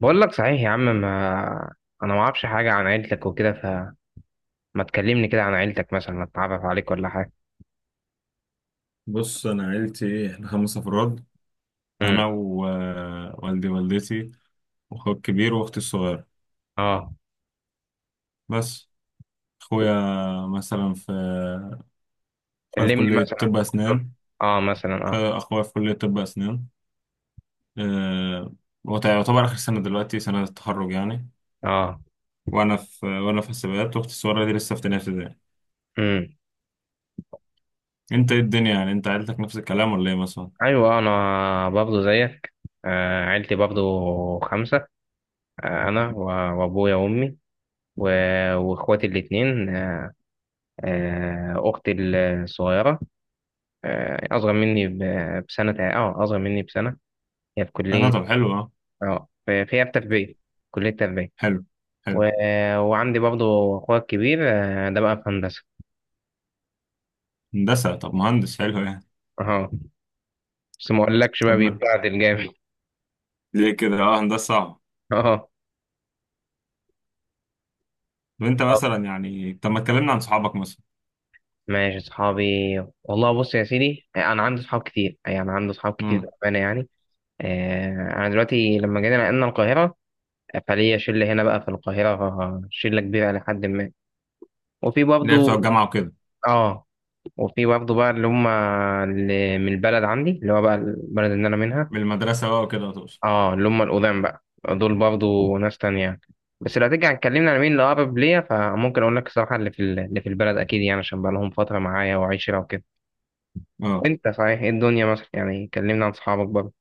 بقول لك صحيح يا عم ما انا ما اعرفش حاجه عن عيلتك وكده فما تكلمني كده عن عيلتك، مثلا اتعرف عليك ولا حاجه. بص انا عيلتي احنا خمس افراد. امم انا ووالدي والدتي واخويا الكبير واختي الصغيره اه بس. اخويا مثلا في اخويا في كلمني كليه مثلا، طب قول له. اسنان اه مثلا اه اخويا أخويا في كليه طب اسنان. أه... هو يعتبر اخر سنه دلوقتي، سنه التخرج يعني. اه وانا في حسابات، واختي الصغيره دي لسه في تانية ابتدائي. امم انت ايه الدنيا يعني؟ انت عيلتك نفس الكلام ولا ايه مثلا؟ ايوه انا برضه زيك، عيلتي برضه خمسه. انا و- وابويا وامي و- واخواتي الاتنين. اختي الصغيره، اصغر مني ب- بسنه اه اصغر مني بسنه. هي في انا كليه، طب، حلو اه. اه في في هي في تربيه، كليه تربيه. حلو و... حلو. وعندي برضو اخويا الكبير، ده بقى في هندسه. هندسه، طب مهندس حلو يعني. اه بس ما اقولكش بقى طب ما... بيتبهدل جامد. ليه كده؟ اه هندسه صعبه. اه طب انت طب مثلا يعني، طب ما اتكلمنا عن صحابك مثلا. ماشي اصحابي، والله بص يا سيدي انا عندي اصحاب كتير، يعني عندي اصحاب كتير امم. بامانه يعني. انا دلوقتي لما جينا نقلنا القاهره، فليا شله هنا بقى في القاهره، شله كبيره لحد ما. وفي اللي هي بتوع برضو الجامعه وكده. اه وفي برضو بقى اللي هم اللي من البلد عندي، اللي هو بقى البلد اللي انا منها. من المدرسه بقى وكده تقصد. اه اللي هم القدام بقى، دول برضو ناس تانية يعني. بس لو هترجع اتكلمنا على مين اللي أقرب ليا، فممكن أقول لك الصراحة اللي في اللي في البلد أكيد يعني، عشان بقى لهم فترة معايا وعشرة وكده. اه وأنت صحيح إيه الدنيا مثلا؟ يعني كلمنا عن صحابك برضه.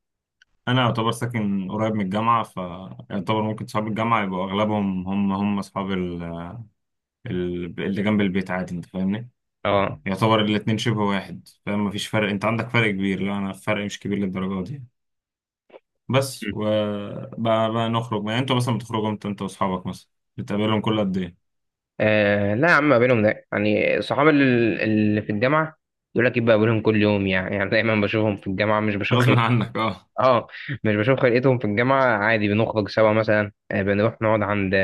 انا يعتبر ساكن قريب من الجامعه، فيعتبر ممكن صحاب الجامعه يبقوا اغلبهم هم اصحاب اللي جنب البيت، عادي انت فاهمني. اه يعتبر الاتنين شبه واحد، فاهم؟ مفيش فرق. انت عندك فرق كبير، لا انا فرق مش كبير للدرجه دي. بس م. وبقى نخرج يعني. انتوا مثلا بتخرجوا امتى انت واصحابك مثلا؟ بتقابلهم كل قد ايه؟ لا يا عم ما بينهم ده، يعني صحاب اللي في الجامعة يقول لك يبقى بينهم كل يوم، يعني يعني دايما بشوفهم في الجامعة مش بشوف غصب خلق. عنك. اه مش بشوف خلقتهم في الجامعة، عادي بنخرج سوا مثلا. بنروح نقعد عند،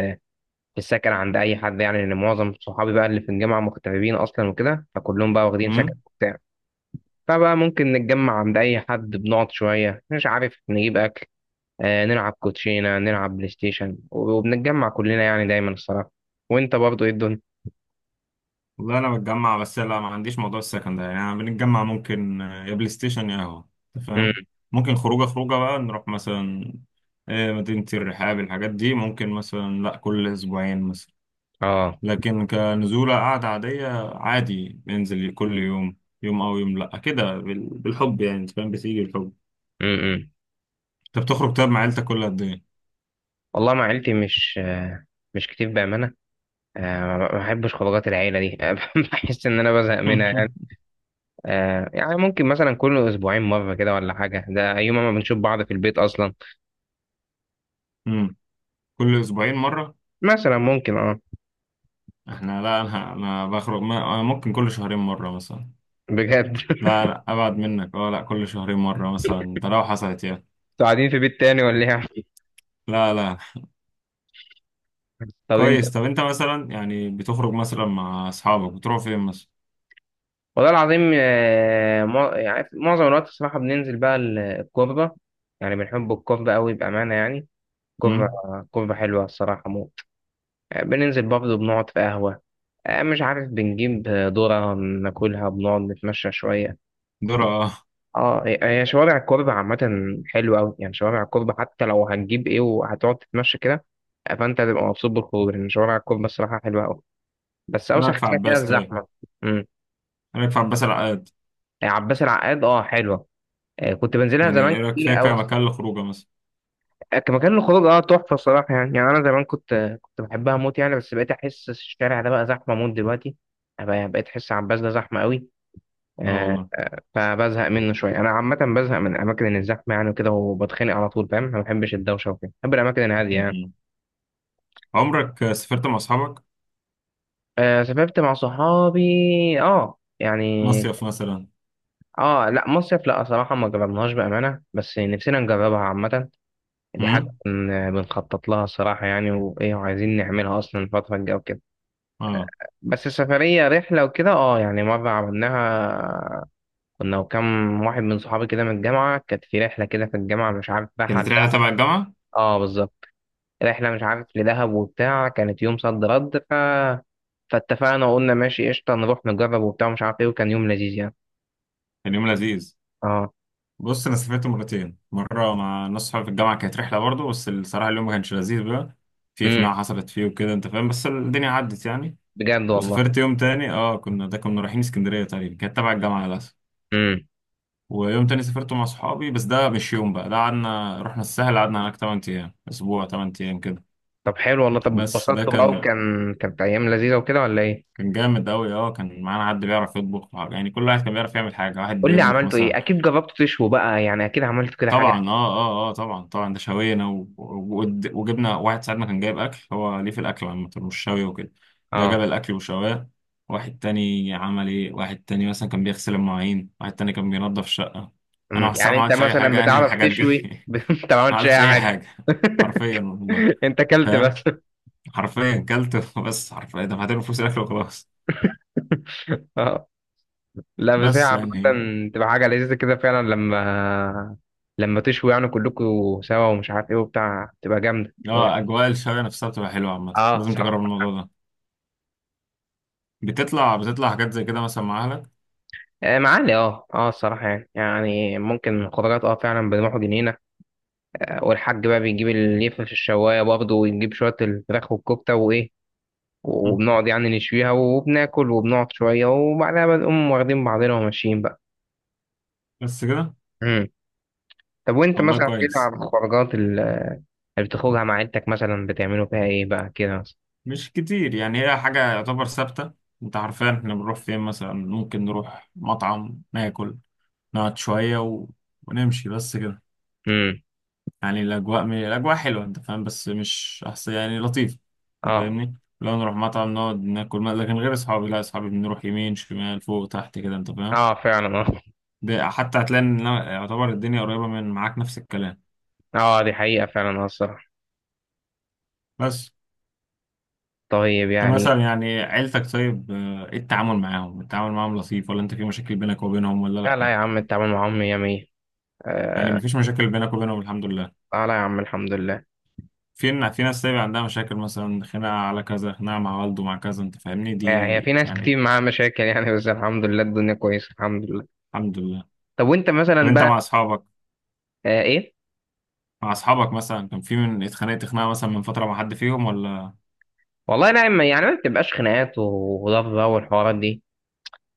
في السكن عند اي حد، يعني لان معظم صحابي بقى اللي في الجامعه مغتربين اصلا وكده، فكلهم بقى واخدين اه سكن وبتاع. فبقى ممكن نتجمع عند اي حد، بنقعد شويه مش عارف، نجيب اكل، نلعب كوتشينه، نلعب بلاي ستيشن، وبنتجمع كلنا يعني دايما الصراحه. وانت برضو ايه الدنيا؟ والله انا بتجمع، بس لا ما عنديش موضوع السكن ده يعني. أنا بنتجمع، ممكن آه، يا بلاي ستيشن يا قهوه، انت فاهم. امم ممكن خروجه خروجه بقى نروح مثلا آه، مدينه الرحاب، الحاجات دي ممكن مثلا، لا كل اسبوعين مثلا. اه لكن كنزوله قعده عاديه، عادي بننزل كل يوم، يوم او يوم لا كده، بالحب يعني. انت فاهم؟ بتيجي الحب. امم انت بتخرج طيب مع عيلتك كل قد ايه؟ والله مع عيلتي مش، مش كتير بامانه. ما بحبش خروجات العيله دي بحس ان انا بزهق منها يعني. يعني ممكن مثلا كل اسبوعين مره كده ولا حاجه، ده يوم ما بنشوف بعض في البيت اصلا. مم. كل اسبوعين مره؟ مثلا ممكن، احنا لا، انا انا بخرج ما- أنا ممكن كل شهرين مره مثلا. بجد لا لا ابعد منك، اه لا كل شهرين مره مثلا، ده لو حصلت يعني. انتوا قاعدين في بيت تاني ولا ايه يا عم؟ لا لا. طب انت. كويس. طب انت مثلا يعني بتخرج مثلا مع اصحابك بتروح فين مثلا؟ والله العظيم، يعني معظم الوقت الصراحة بننزل بقى الكوربة، يعني بنحب الكوربة قوي بأمانة يعني. كوربة، امم. كوربة حلوة الصراحة موت. بننزل برضه بنقعد في قهوة، مش عارف بنجيب ذرة ناكلها، بنقعد نتمشى شوية. دور اه. هي شوارع الكوربة عامة حلوة أوي، يعني شوارع الكوربة حتى لو هتجيب ايه وهتقعد تتمشى كده، فانت هتبقى مبسوط بالخروج، لأن شوارع الكوربة الصراحة حلوة أوي، بس ايه اوسخ رايك في حاجه فيها عباس طيب؟ الزحمه. امم ايه رايك في عباس العقاد؟ يعني عباس العقاد حلوه، كنت بنزلها يعني زمان ايه رايك كتير فيها قوي. كمكان للخروجه مثلا؟ كمكان الخروج تحفه الصراحه يعني، يعني انا زمان كنت بحبها موت يعني، بس بقيت احس الشارع ده بقى زحمه موت دلوقتي. بقيت احس عباس ده زحمه قوي. اه آه، والله. فبزهق منه شويه، انا عامه بزهق من الاماكن الزحمه يعني وكده، وبتخانق على طول فاهم، أنا ما بحبش الدوشه وكده، بحب الاماكن الهاديه يعني. مم. عمرك سافرت مع اصحابك؟ سافرت مع صحابي يعني. مصيف مثلا؟ اه لا مصيف لا، صراحه ما جربناهاش بامانه، بس نفسنا نجربها عامه. دي حاجة امم. بنخطط لها الصراحة يعني، وإيه وعايزين نعملها أصلا الفترة الجاية وكده. اه. بس السفرية رحلة وكده، يعني مرة عملناها، كنا وكم واحد من صحابي كده من الجامعة، كانت في رحلة كده في الجامعة مش عارف رايحة كانت على دهب. رحله تبع الجامعه؟ اه بالظبط، رحلة مش عارف لدهب وبتاع، كانت يوم صد رد، فاتفقنا وقلنا ماشي قشطة، نروح نجرب وبتاع مش عارف ايه، وكان يوم لذيذ يعني. كان يوم لذيذ. اه بص انا سافرت مرتين. مره مع ناس صحابي في الجامعه، كانت رحله برضه، بس الصراحه اليوم ما كانش لذيذ بقى، في امم خناقه حصلت فيه وكده انت فاهم، بس الدنيا عدت يعني. بجد والله. وسافرت يوم تاني، اه كنا ده كنا رايحين اسكندريه تقريبا، كانت تبع الجامعه للاسف. امم ويوم تاني سافرت مع صحابي، بس ده مش يوم بقى، ده قعدنا رحنا الساحل قعدنا هناك 8 ايام، اسبوع، 8 ايام كده. طب حلو والله، طب بس ده اتبسطت بقى، كان، وكان كانت أيام لذيذة وكده ولا ايه؟ كان جامد قوي اه. كان معانا حد بيعرف يطبخ يعني. كل واحد كان بيعرف يعمل حاجه، واحد قول لي بيطبخ عملته ايه، مثلا. اكيد جربت تشوي بقى يعني، اكيد عملت كده حاجه. طبعا اه طبعا طبعا، ده شوينا وجبنا واحد ساعتنا كان جايب اكل، هو ليه في الاكل عامه مش شوي وكده. ده جاب اه الاكل وشواه. واحد تاني عمل ايه، واحد تاني مثلا كان بيغسل المواعين، واحد تاني كان بينظف الشقه. انا أمم، الصراحه يعني ما انت عملتش اي مثلا حاجه يعني من بتعرف الحاجات دي. تشوي بس انت ما ما عملتش عملتش اي اي حاجه. حاجه، حرفيا والله. انت اكلت فاهم، بس. حرفيا كلت، بس حرفيا دفعت له فلوس الاكل وخلاص. اه لا بس هي بس عامه يعني تبقى حاجه لذيذه كده فعلا، لما لما تشوي يعني كلكم سوا، ومش عارف ايه وبتاع، تبقى جامده، تبقى جامدة. اه اجواء الشوي نفسها بتبقى حلوه عامه، اه لازم تجرب الصراحه، الموضوع ده. بتطلع حاجات زي كده مثلا مع اهلك؟ معالي الصراحه يعني، يعني ممكن خضروات فعلا بنروح جنينه، والحاج بقى بيجيب اللي في الشوايه برضه، ويجيب شويه الفراخ والكفته وايه، مم. وبنقعد يعني نشويها وبناكل، وبنقعد شوية وبعدها بنقوم واخدين بعضنا وماشيين بقى. بس كده. مم. طب وانت والله مثلا كده، كويس. على الخروجات اللي بتخرجها مع عيلتك مثلا، بتعملوا فيها ايه بقى كده مثلا؟ مش كتير يعني، هي حاجة يعتبر ثابتة. انت عارفين احنا بنروح فين مثلا؟ ممكن نروح مطعم ناكل، نقعد شوية ونمشي، بس كده. امم يعني الأجواء الأجواء حلوة انت فاهم، بس مش أحسن، يعني لطيف. انت اه فاهمني، لو نروح مطعم نقعد ناكل ما... لكن غير أصحابي، لا أصحابي بنروح يمين شمال فوق تحت كده انت فاهم. اه فعلا ده حتى هتلاقي ان يعتبر الدنيا قريبة من معاك نفس الكلام. اه دي حقيقة فعلا الصراحة. بس طيب انت يعني، مثلا يعني عيلتك طيب آه، ايه التعامل معاهم؟ التعامل معاهم لطيف، ولا انت في مشاكل بينك وبينهم ولا لا لا يا لا؟ عم التعامل معاهم مية مية. يعني آه مفيش مشاكل بينك وبينهم الحمد لله. لا لا يا عم الحمد لله. في ناس طيب عندها مشاكل مثلا، خناقة على كذا، خناقة مع والده مع كذا، انت فاهمني؟ هي دي في ناس كتير يعني. معاها مشاكل يعني، بس الحمد لله الدنيا كويسة الحمد لله. الحمد لله. طب وانت طب مثلا انت بقى، مع اصحابك، آه ايه مع اصحابك مثلا كان في من اتخانقت خناقة مثلا من فترة مع حد فيهم، ولا والله لا يعني ما بتبقاش خناقات وضرب بقى والحوارات دي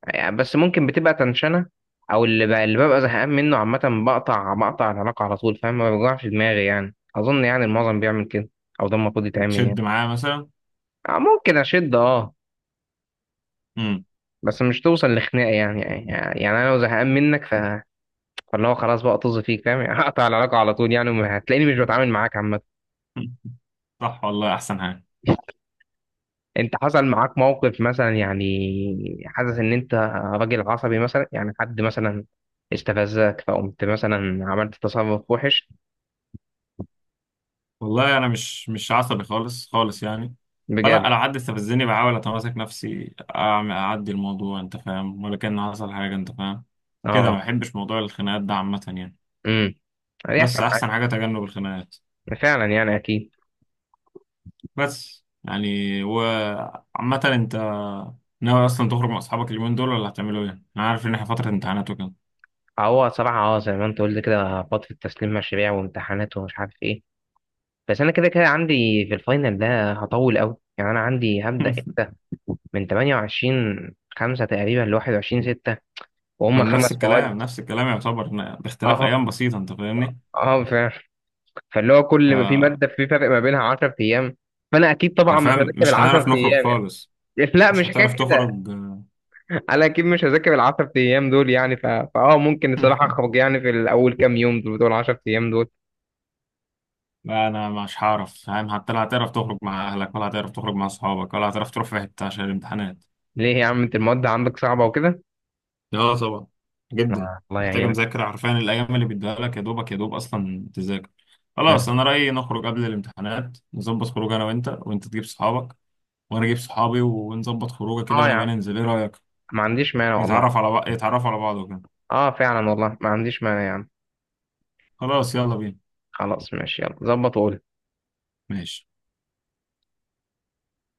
يعني، بس ممكن بتبقى تنشنة، او اللي ببقى زهقان منه عامة، بقطع العلاقة على طول فاهم، ما بيوجعش دماغي يعني، اظن يعني المعظم بيعمل كده، او ده المفروض يتعمل يعني. بتشد معاه مثلا؟ ممكن اشد امم. بس مش توصل لخناقة يعني يعني، يعني انا لو زهقان منك فاللي هو خلاص بقى طز فيك فاهم يعني هقطع العلاقة على طول يعني، هتلاقيني مش بتعامل معاك عامة. صح والله، احسن حاجة. انت حصل معاك موقف مثلا يعني، حاسس ان انت راجل عصبي مثلا يعني، حد مثلا استفزك فقمت مثلا عملت تصرف وحش؟ والله انا مش عصبي خالص خالص يعني. فلا بجد؟ لو حد استفزني بحاول اتماسك نفسي، أعمل اعدي الموضوع انت فاهم، ولا كان حصل حاجه انت فاهم كده. ما اه بحبش موضوع الخناقات ده عامه يعني. امم يحصل بس حاجة. احسن حاجه تجنب الخناقات. فعلا يعني اكيد. بس يعني، وعامه انت ناوي اصلا تخرج مع اصحابك اليومين دول ولا هتعملوا ايه؟ انا عارف ان احنا فتره امتحانات وكده. هو صراحه زي ما انت قلت كده، فتره تسليم مشاريع وامتحانات ومش عارف ايه، بس انا كده كده عندي في الفاينل ده هطول قوي يعني، انا عندي هبدا امتى؟ من 28 5 تقريبا ل 21 6، ما وهم أنا نفس خمس مواد. الكلام، نفس الكلام، يعتبر إن باختلاف اه ايام بسيطه انت فاهمني. اه فعلا، فاللي هو كل ما في فحرفيا ماده في فرق ما بينها 10 ايام، فانا اكيد طبعا مش هذاكر ال مش هنعرف 10 نخرج ايام يعني. خالص. لا مش مش هتعرف حكايه كده، تخرج. انا اكيد مش هذاكر العشر ايام دول يعني، ف... فاه ممكن الصراحه اخرج يعني في الاول كام يوم، دول 10 ايام دول. لا انا مش هعرف فاهم، حتى لا هتعرف تخرج مع اهلك ولا هتعرف تخرج مع اصحابك ولا هتعرف تروح في حته عشان الامتحانات. ليه يا عم انت المواد عندك صعبه وكده؟ لا طبعا، جدا. لا الله محتاجه يعينك. مذاكره حرفيا، الايام اللي بيديها لك يا دوبك يا دوب اصلا تذاكر. خلاص مم. انا رايي نخرج قبل الامتحانات، نظبط خروج انا وانت، وانت تجيب صحابك وانا اجيب صحابي، ونظبط خروجه كده اه يا عم ونبقى ننزل، ايه رايك؟ ما عنديش مانع والله. نتعرف على بعض، يتعرفوا على بعض وكده. اه فعلا والله ما عنديش مانع يا عم. خلاص يلا بينا. خلاص ماشي يلا ظبط وقول. ماشي.